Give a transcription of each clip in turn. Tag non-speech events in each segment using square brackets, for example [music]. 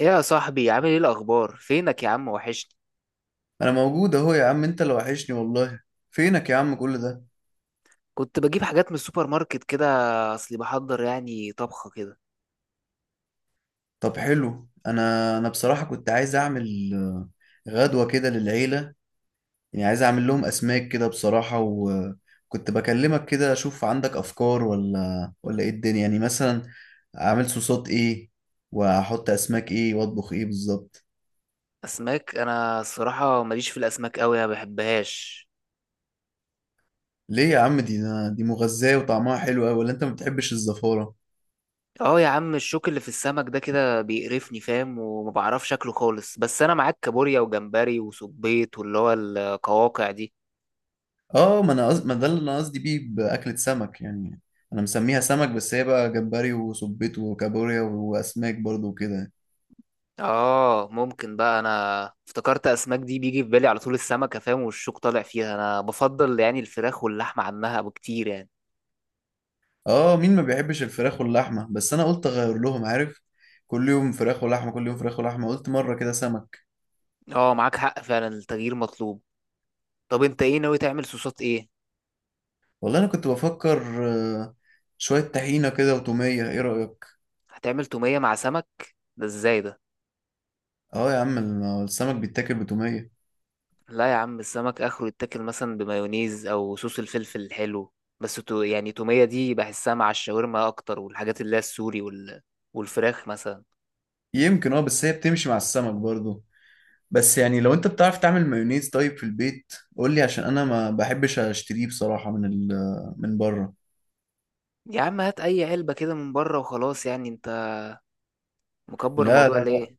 ايه يا صاحبي، عامل ايه؟ الاخبار؟ فينك يا عم، وحشني. انا موجود اهو يا عم، انت اللي وحشني والله. فينك يا عم كل ده؟ كنت بجيب حاجات من السوبر ماركت كده. اصلي بحضر يعني طبخه كده. طب حلو. انا بصراحة كنت عايز اعمل غدوة كده للعيلة. يعني عايز اعمل لهم اسماك كده بصراحة، وكنت بكلمك كده اشوف عندك افكار ولا ايه الدنيا؟ يعني مثلا اعمل صوصات ايه، واحط اسماك ايه، واطبخ ايه بالظبط؟ اسماك؟ انا الصراحه ماليش في الاسماك قوي، ما بحبهاش. ليه يا عم دي؟ دي مغذية وطعمها حلو قوي، ولا انت ما بتحبش الزفارة؟ اه يا عم، الشوك اللي في السمك ده كده بيقرفني، فاهم؟ وما بعرفش شكله خالص، بس انا معاك كابوريا وجمبري وسبيط واللي هو القواقع دي. اه، ما ده اللي انا قصدي بيه باكلة سمك يعني. انا مسميها سمك، بس هي بقى جمبري وسبيط وكابوريا واسماك برضو وكده. اه ممكن، بقى انا افتكرت اسماك دي بيجي في بالي على طول السمكه، فاهم؟ والشوك طالع فيها. انا بفضل يعني الفراخ واللحمه عنها بكتير يعني. اه، مين ما بيحبش الفراخ واللحمة؟ بس انا قلت اغير لهم، عارف؟ كل يوم فراخ ولحمة، كل يوم فراخ ولحمة، قلت مرة كده سمك. اه معاك حق، فعلا التغيير مطلوب. طب انت ايه ناوي تعمل؟ صوصات ايه؟ والله انا كنت بفكر آه، شوية طحينة كده وتومية. ايه رأيك؟ هتعمل تومية مع سمك؟ ده ازاي ده؟ اه يا عم، السمك بيتاكل بتومية. لا يا عم، السمك اخره يتاكل مثلا بمايونيز او صوص الفلفل الحلو. بس يعني تومية دي بحسها مع الشاورما اكتر، والحاجات اللي هي السوري والفراخ مثلا. يمكن اه، بس هي بتمشي مع السمك برضو. بس يعني لو انت بتعرف تعمل مايونيز طيب في البيت قول لي، عشان انا ما بحبش اشتريه بصراحة من ال من بره. يا عم، هات اي علبة كده من بره وخلاص، يعني انت مكبر لا الموضوع لا لا ليه؟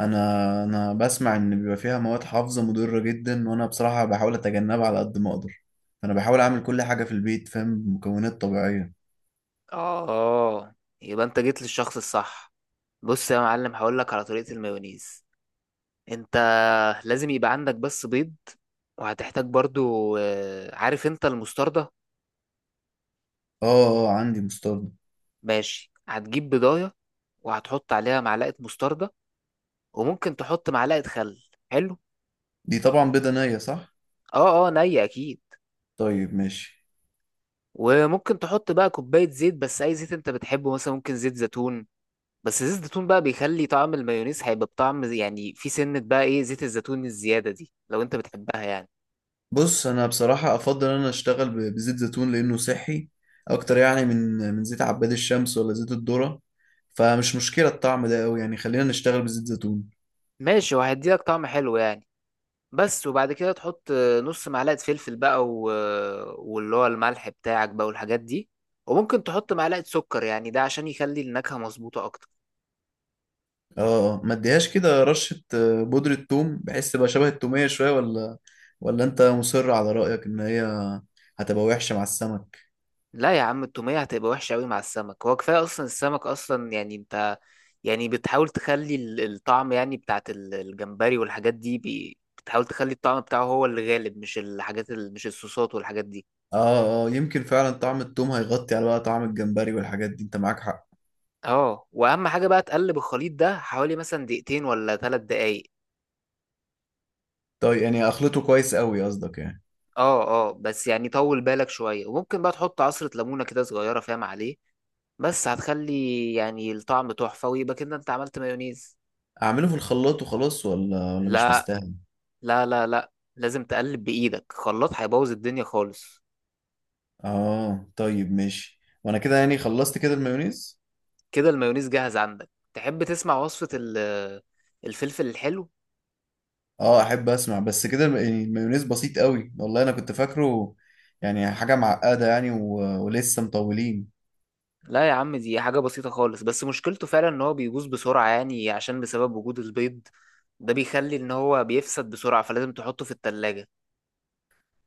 انا انا بسمع ان بيبقى فيها مواد حافظة مضرة جدا، وانا بصراحة بحاول اتجنبها على قد ما اقدر. انا بحاول اعمل كل حاجة في البيت، فاهم، بمكونات طبيعية. اه، اه، يبقى انت جيت للشخص الصح. بص يا معلم، هقولك على طريقة المايونيز. انت لازم يبقى عندك بس بيض. وهتحتاج برضو عارف انت المستردة؟ اه اه، عندي مستردة. ماشي، هتجيب بيضاية، وهتحط عليها معلقة مستردة، وممكن تحط معلقة خل. حلو. دي طبعا بيضة نية صح؟ اه، اه، نية اكيد. طيب ماشي. وممكن تحط بقى كوباية زيت، بس اي زيت انت بتحبه، مثلا ممكن زيت زيتون. بس زيت الزيتون بقى بيخلي طعم المايونيز هيبقى بطعم يعني في سنة، بقى ايه زيت الزيتون الزيادة دي لو انت بتحبها يعني. بص انا بصراحه افضل ان انا اشتغل بزيت زيتون لانه صحي اكتر يعني من زيت عباد الشمس، ولا زيت الذره. فمش مشكله الطعم ده قوي يعني، خلينا نشتغل بزيت زيتون. ماشي، وهيديلك طعم حلو يعني. بس وبعد كده تحط نص معلقة فلفل بقى، واللي هو الملح بتاعك بقى والحاجات دي. وممكن تحط معلقة سكر، يعني ده عشان يخلي النكهة مظبوطة أكتر. اه. ما اديهاش كده رشه بودره ثوم بحيث تبقى شبه التوميه شويه، ولا انت مصر على رايك ان هي هتبقى وحشه مع السمك؟ لا يا عم، التومية هتبقى وحشة أوي مع السمك، هو كفاية أصلا السمك أصلا، يعني أنت، يعني بتحاول تخلي الطعم يعني بتاعت الجمبري والحاجات دي، بتحاول تخلي الطعم بتاعه هو اللي غالب، مش الحاجات مش الصوصات والحاجات دي. اه اه، يمكن فعلا طعم الثوم هيغطي على بقى طعم الجمبري والحاجات دي، انت معاك حق. اه، واهم حاجه بقى تقلب الخليط ده حوالي مثلا دقيقتين ولا 3 دقايق. طيب يعني اخلطه كويس قوي قصدك يعني؟ اه، اه، بس يعني طول بالك شوية، وممكن بقى تحط عصرة ليمونة كده صغيرة، فاهم عليه؟ بس هتخلي يعني الطعم تحفة، ويبقى كده انت عملت مايونيز. اعمله في الخلاط وخلاص، ولا مش لا، مستاهل؟ لا، لا، لا، لازم تقلب بإيدك، خلاط هيبوظ الدنيا خالص. اه طيب ماشي، وانا كده يعني خلصت كده المايونيز. كده المايونيز جاهز عندك. تحب تسمع وصفة الفلفل الحلو؟ اه احب اسمع، بس كده يعني المايونيز بسيط قوي والله، انا كنت فاكره يعني حاجة معقدة يعني ولسه مطولين. لا يا عم، دي حاجة بسيطة خالص، بس مشكلته فعلا ان هو بيبوظ بسرعة يعني، عشان بسبب وجود البيض ده بيخلي ان هو بيفسد بسرعة، فلازم تحطه في التلاجة.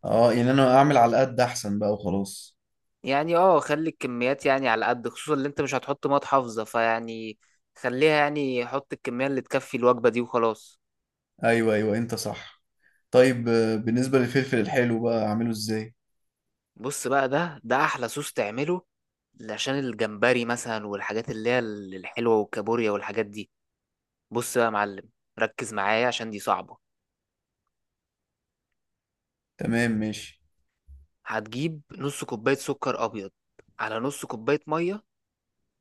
اه يعني انا اعمل على قد احسن بقى وخلاص. يعني اه، خلي الكميات يعني على قد، خصوصا اللي انت مش هتحط ميه حافظه فيعني، خليها يعني، حط الكميه اللي تكفي الوجبه دي وخلاص. ايوه ايوه انت صح. طيب بالنسبة للفلفل الحلو بقى اعمله ازاي؟ بص بقى، ده احلى صوص تعمله، عشان الجمبري مثلا والحاجات اللي هي الحلوه والكابوريا والحاجات دي. بص بقى يا معلم، ركز معايا عشان دي صعبه. تمام ماشي. هتجيب نص كوبايه سكر ابيض، على نص كوبايه ميه،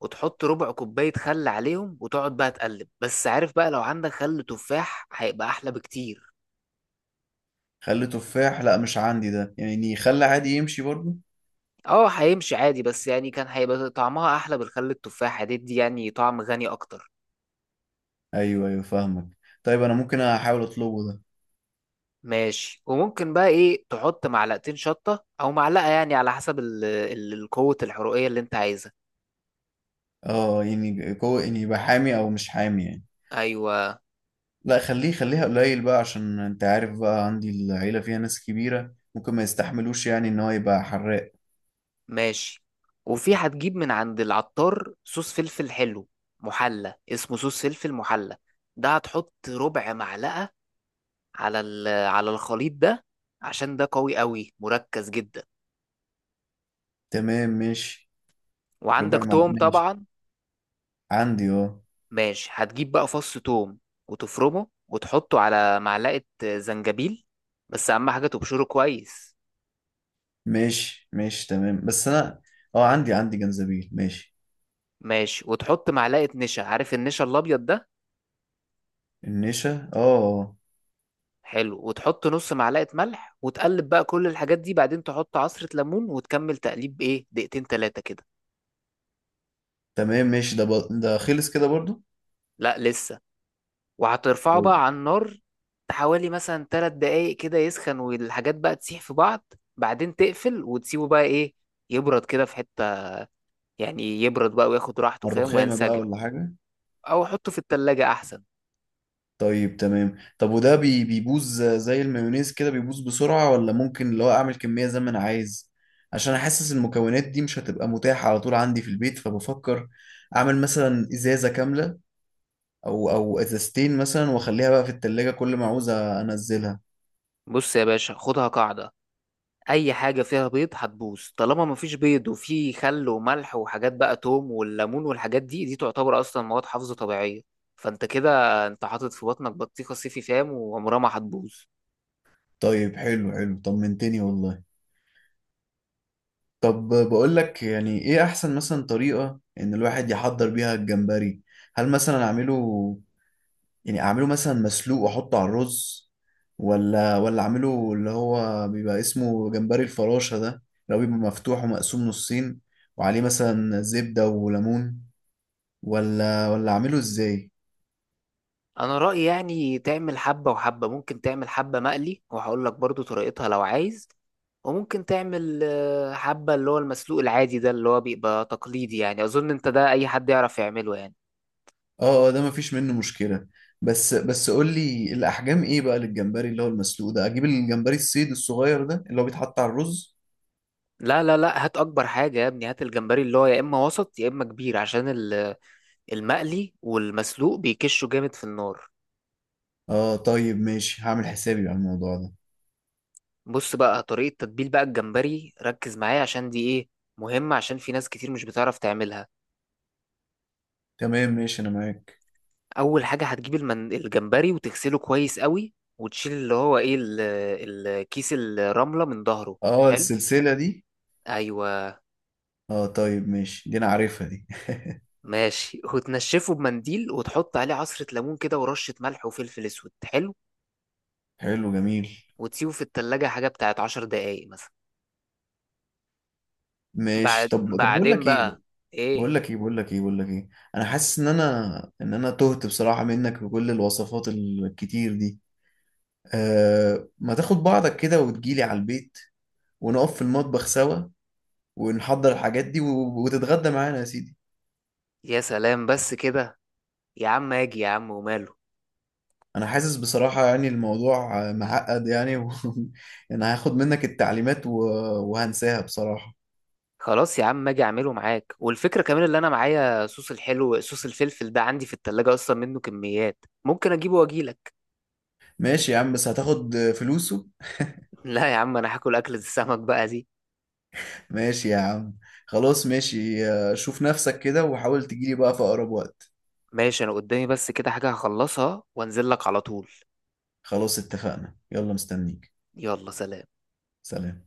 وتحط ربع كوبايه خل عليهم، وتقعد بقى تقلب. بس عارف بقى، لو عندك خل تفاح هيبقى احلى بكتير. خلي تفاح لا مش عندي، ده يعني خلي عادي يمشي برضو. اه هيمشي عادي، بس يعني كان هيبقى طعمها احلى، بالخل التفاح هتدي يعني طعم غني اكتر. ايوه ايوه فاهمك. طيب انا ممكن احاول اطلبه ده. ماشي، وممكن بقى ايه، تحط معلقتين شطة او معلقة، يعني على حسب القوة الحرقية اللي انت عايزها. اه يعني كو يعني يبقى حامي او مش حامي يعني؟ ايوه. لا، خليه، خليها قليل بقى، عشان انت عارف بقى عندي العيلة فيها ناس كبيرة ممكن ما يستحملوش يعني ان هو يبقى حراق. ماشي، وفي هتجيب من عند العطار صوص فلفل حلو محلى، اسمه صوص فلفل محلى، ده هتحط ربع معلقة على على الخليط ده، عشان ده قوي قوي مركز جدا. تمام ماشي. ربع وعندك مع توم ماشي. طبعا. عندي اه. ماشي، هتجيب بقى فص توم، وتفرمه وتحطه على معلقة زنجبيل، بس أهم حاجة تبشره كويس. ماشي ماشي تمام. بس انا اه عندي جنزبيل، ماشي. ماشي، وتحط معلقة نشا، عارف النشا الأبيض ده؟ النشا اه حلو، وتحط نص معلقة ملح، وتقلب بقى كل الحاجات دي، بعدين تحط عصرة ليمون، وتكمل تقليب إيه دقيقتين تلاتة كده. تمام ماشي. ده خلص كده برضو؟ لا لسه، وهترفعه طيب بقى على النار حوالي مثلا 3 دقايق كده يسخن، والحاجات بقى تسيح في بعض، بعدين تقفل وتسيبه بقى إيه، يبرد كده في حتة، يعني يبرد بقى وياخد راحته على فاهم، الرخامة بقى وينسجم. ولا حاجة؟ او حطه في التلاجة احسن. طيب تمام. طب وده بيبوظ زي المايونيز كده بيبوظ بسرعة، ولا ممكن لو اعمل كمية زي ما انا عايز عشان احسس المكونات دي مش هتبقى متاحة على طول عندي في البيت؟ فبفكر اعمل مثلا ازازة كاملة، او ازازتين مثلا واخليها بقى في التلاجة كل ما عاوز انزلها. بص يا باشا، خدها قاعدة، اي حاجة فيها بيض هتبوظ. طالما مفيش بيض وفي خل وملح وحاجات بقى، توم والليمون والحاجات دي، دي تعتبر اصلا مواد حافظة طبيعية. فانت كده، انت حاطط في بطنك بطيخة صيفي، فام وعمرها ما هتبوظ. طيب حلو حلو، طمنتني والله. طب بقول لك، يعني ايه احسن مثلا طريقة ان الواحد يحضر بيها الجمبري؟ هل مثلا اعمله، يعني اعمله مثلا مسلوق واحطه على الرز، ولا اعمله اللي هو بيبقى اسمه جمبري الفراشة ده، لو بيبقى مفتوح ومقسوم نصين وعليه مثلا زبدة وليمون، ولا اعمله ازاي؟ انا رأيي يعني تعمل حبة وحبة، ممكن تعمل حبة مقلي وهقول لك برضو طريقتها لو عايز، وممكن تعمل حبة اللي هو المسلوق العادي ده، اللي هو بيبقى تقليدي، يعني اظن انت ده اي حد يعرف يعمله يعني. اه اه ده مفيش منه مشكلة. بس قول لي الاحجام ايه بقى للجمبري اللي هو المسلوق ده؟ اجيب الجمبري الصيد الصغير ده اللي هو بيتحط على الرز؟ لا، لا، لا، هات اكبر حاجه يا ابني، هات الجمبري اللي هو يا اما وسط يا اما كبير، عشان المقلي والمسلوق بيكشوا جامد في النار. اه طيب ماشي، هعمل حسابي على الموضوع ده. بص بقى طريقه تتبيل بقى الجمبري، ركز معايا عشان دي ايه، مهمه، عشان في ناس كتير مش بتعرف تعملها. تمام ماشي انا معاك. اول حاجه هتجيب الجمبري وتغسله كويس قوي، وتشيل اللي هو ايه الكيس الرمله من ظهره. اه حلو. السلسلة دي. ايوه. اه طيب ماشي، دي انا عارفها دي. ماشي، وتنشفه بمنديل وتحط عليه عصره ليمون كده ورشه ملح وفلفل اسود. حلو، حلو جميل. وتسيبه في التلاجة حاجة بتاعت 10 دقايق مثلا. ماشي. طب بعدين بقى ايه. بقول لك ايه. انا حاسس ان انا تهت بصراحة منك بكل الوصفات الكتير دي. آه، ما تاخد بعضك كده وتجيلي على البيت، ونقف في المطبخ سوا، ونحضر الحاجات دي وتتغدى معانا يا سيدي. يا سلام بس كده. يا عم اجي، يا عم وماله. انا حاسس بصراحة يعني الموضوع معقد يعني [laughs] انا هاخد منك التعليمات وهنساها بصراحة. خلاص يا عم، اجي اعمله معاك، والفكره كمان اللي انا معايا صوص الحلو، صوص الفلفل ده عندي في التلاجة اصلا منه كميات، ممكن اجيبه واجيلك. ماشي يا عم، بس هتاخد فلوسه. [laughs] لا يا عم، انا هاكل اكلة السمك بقى دي. ماشي يا عم. خلاص ماشي، شوف نفسك كده وحاول تجيلي بقى في أقرب وقت. ماشي، انا قدامي بس كده حاجه هخلصها وانزل لك على طول. خلاص اتفقنا، يلا مستنيك. يلا، سلام. سلام.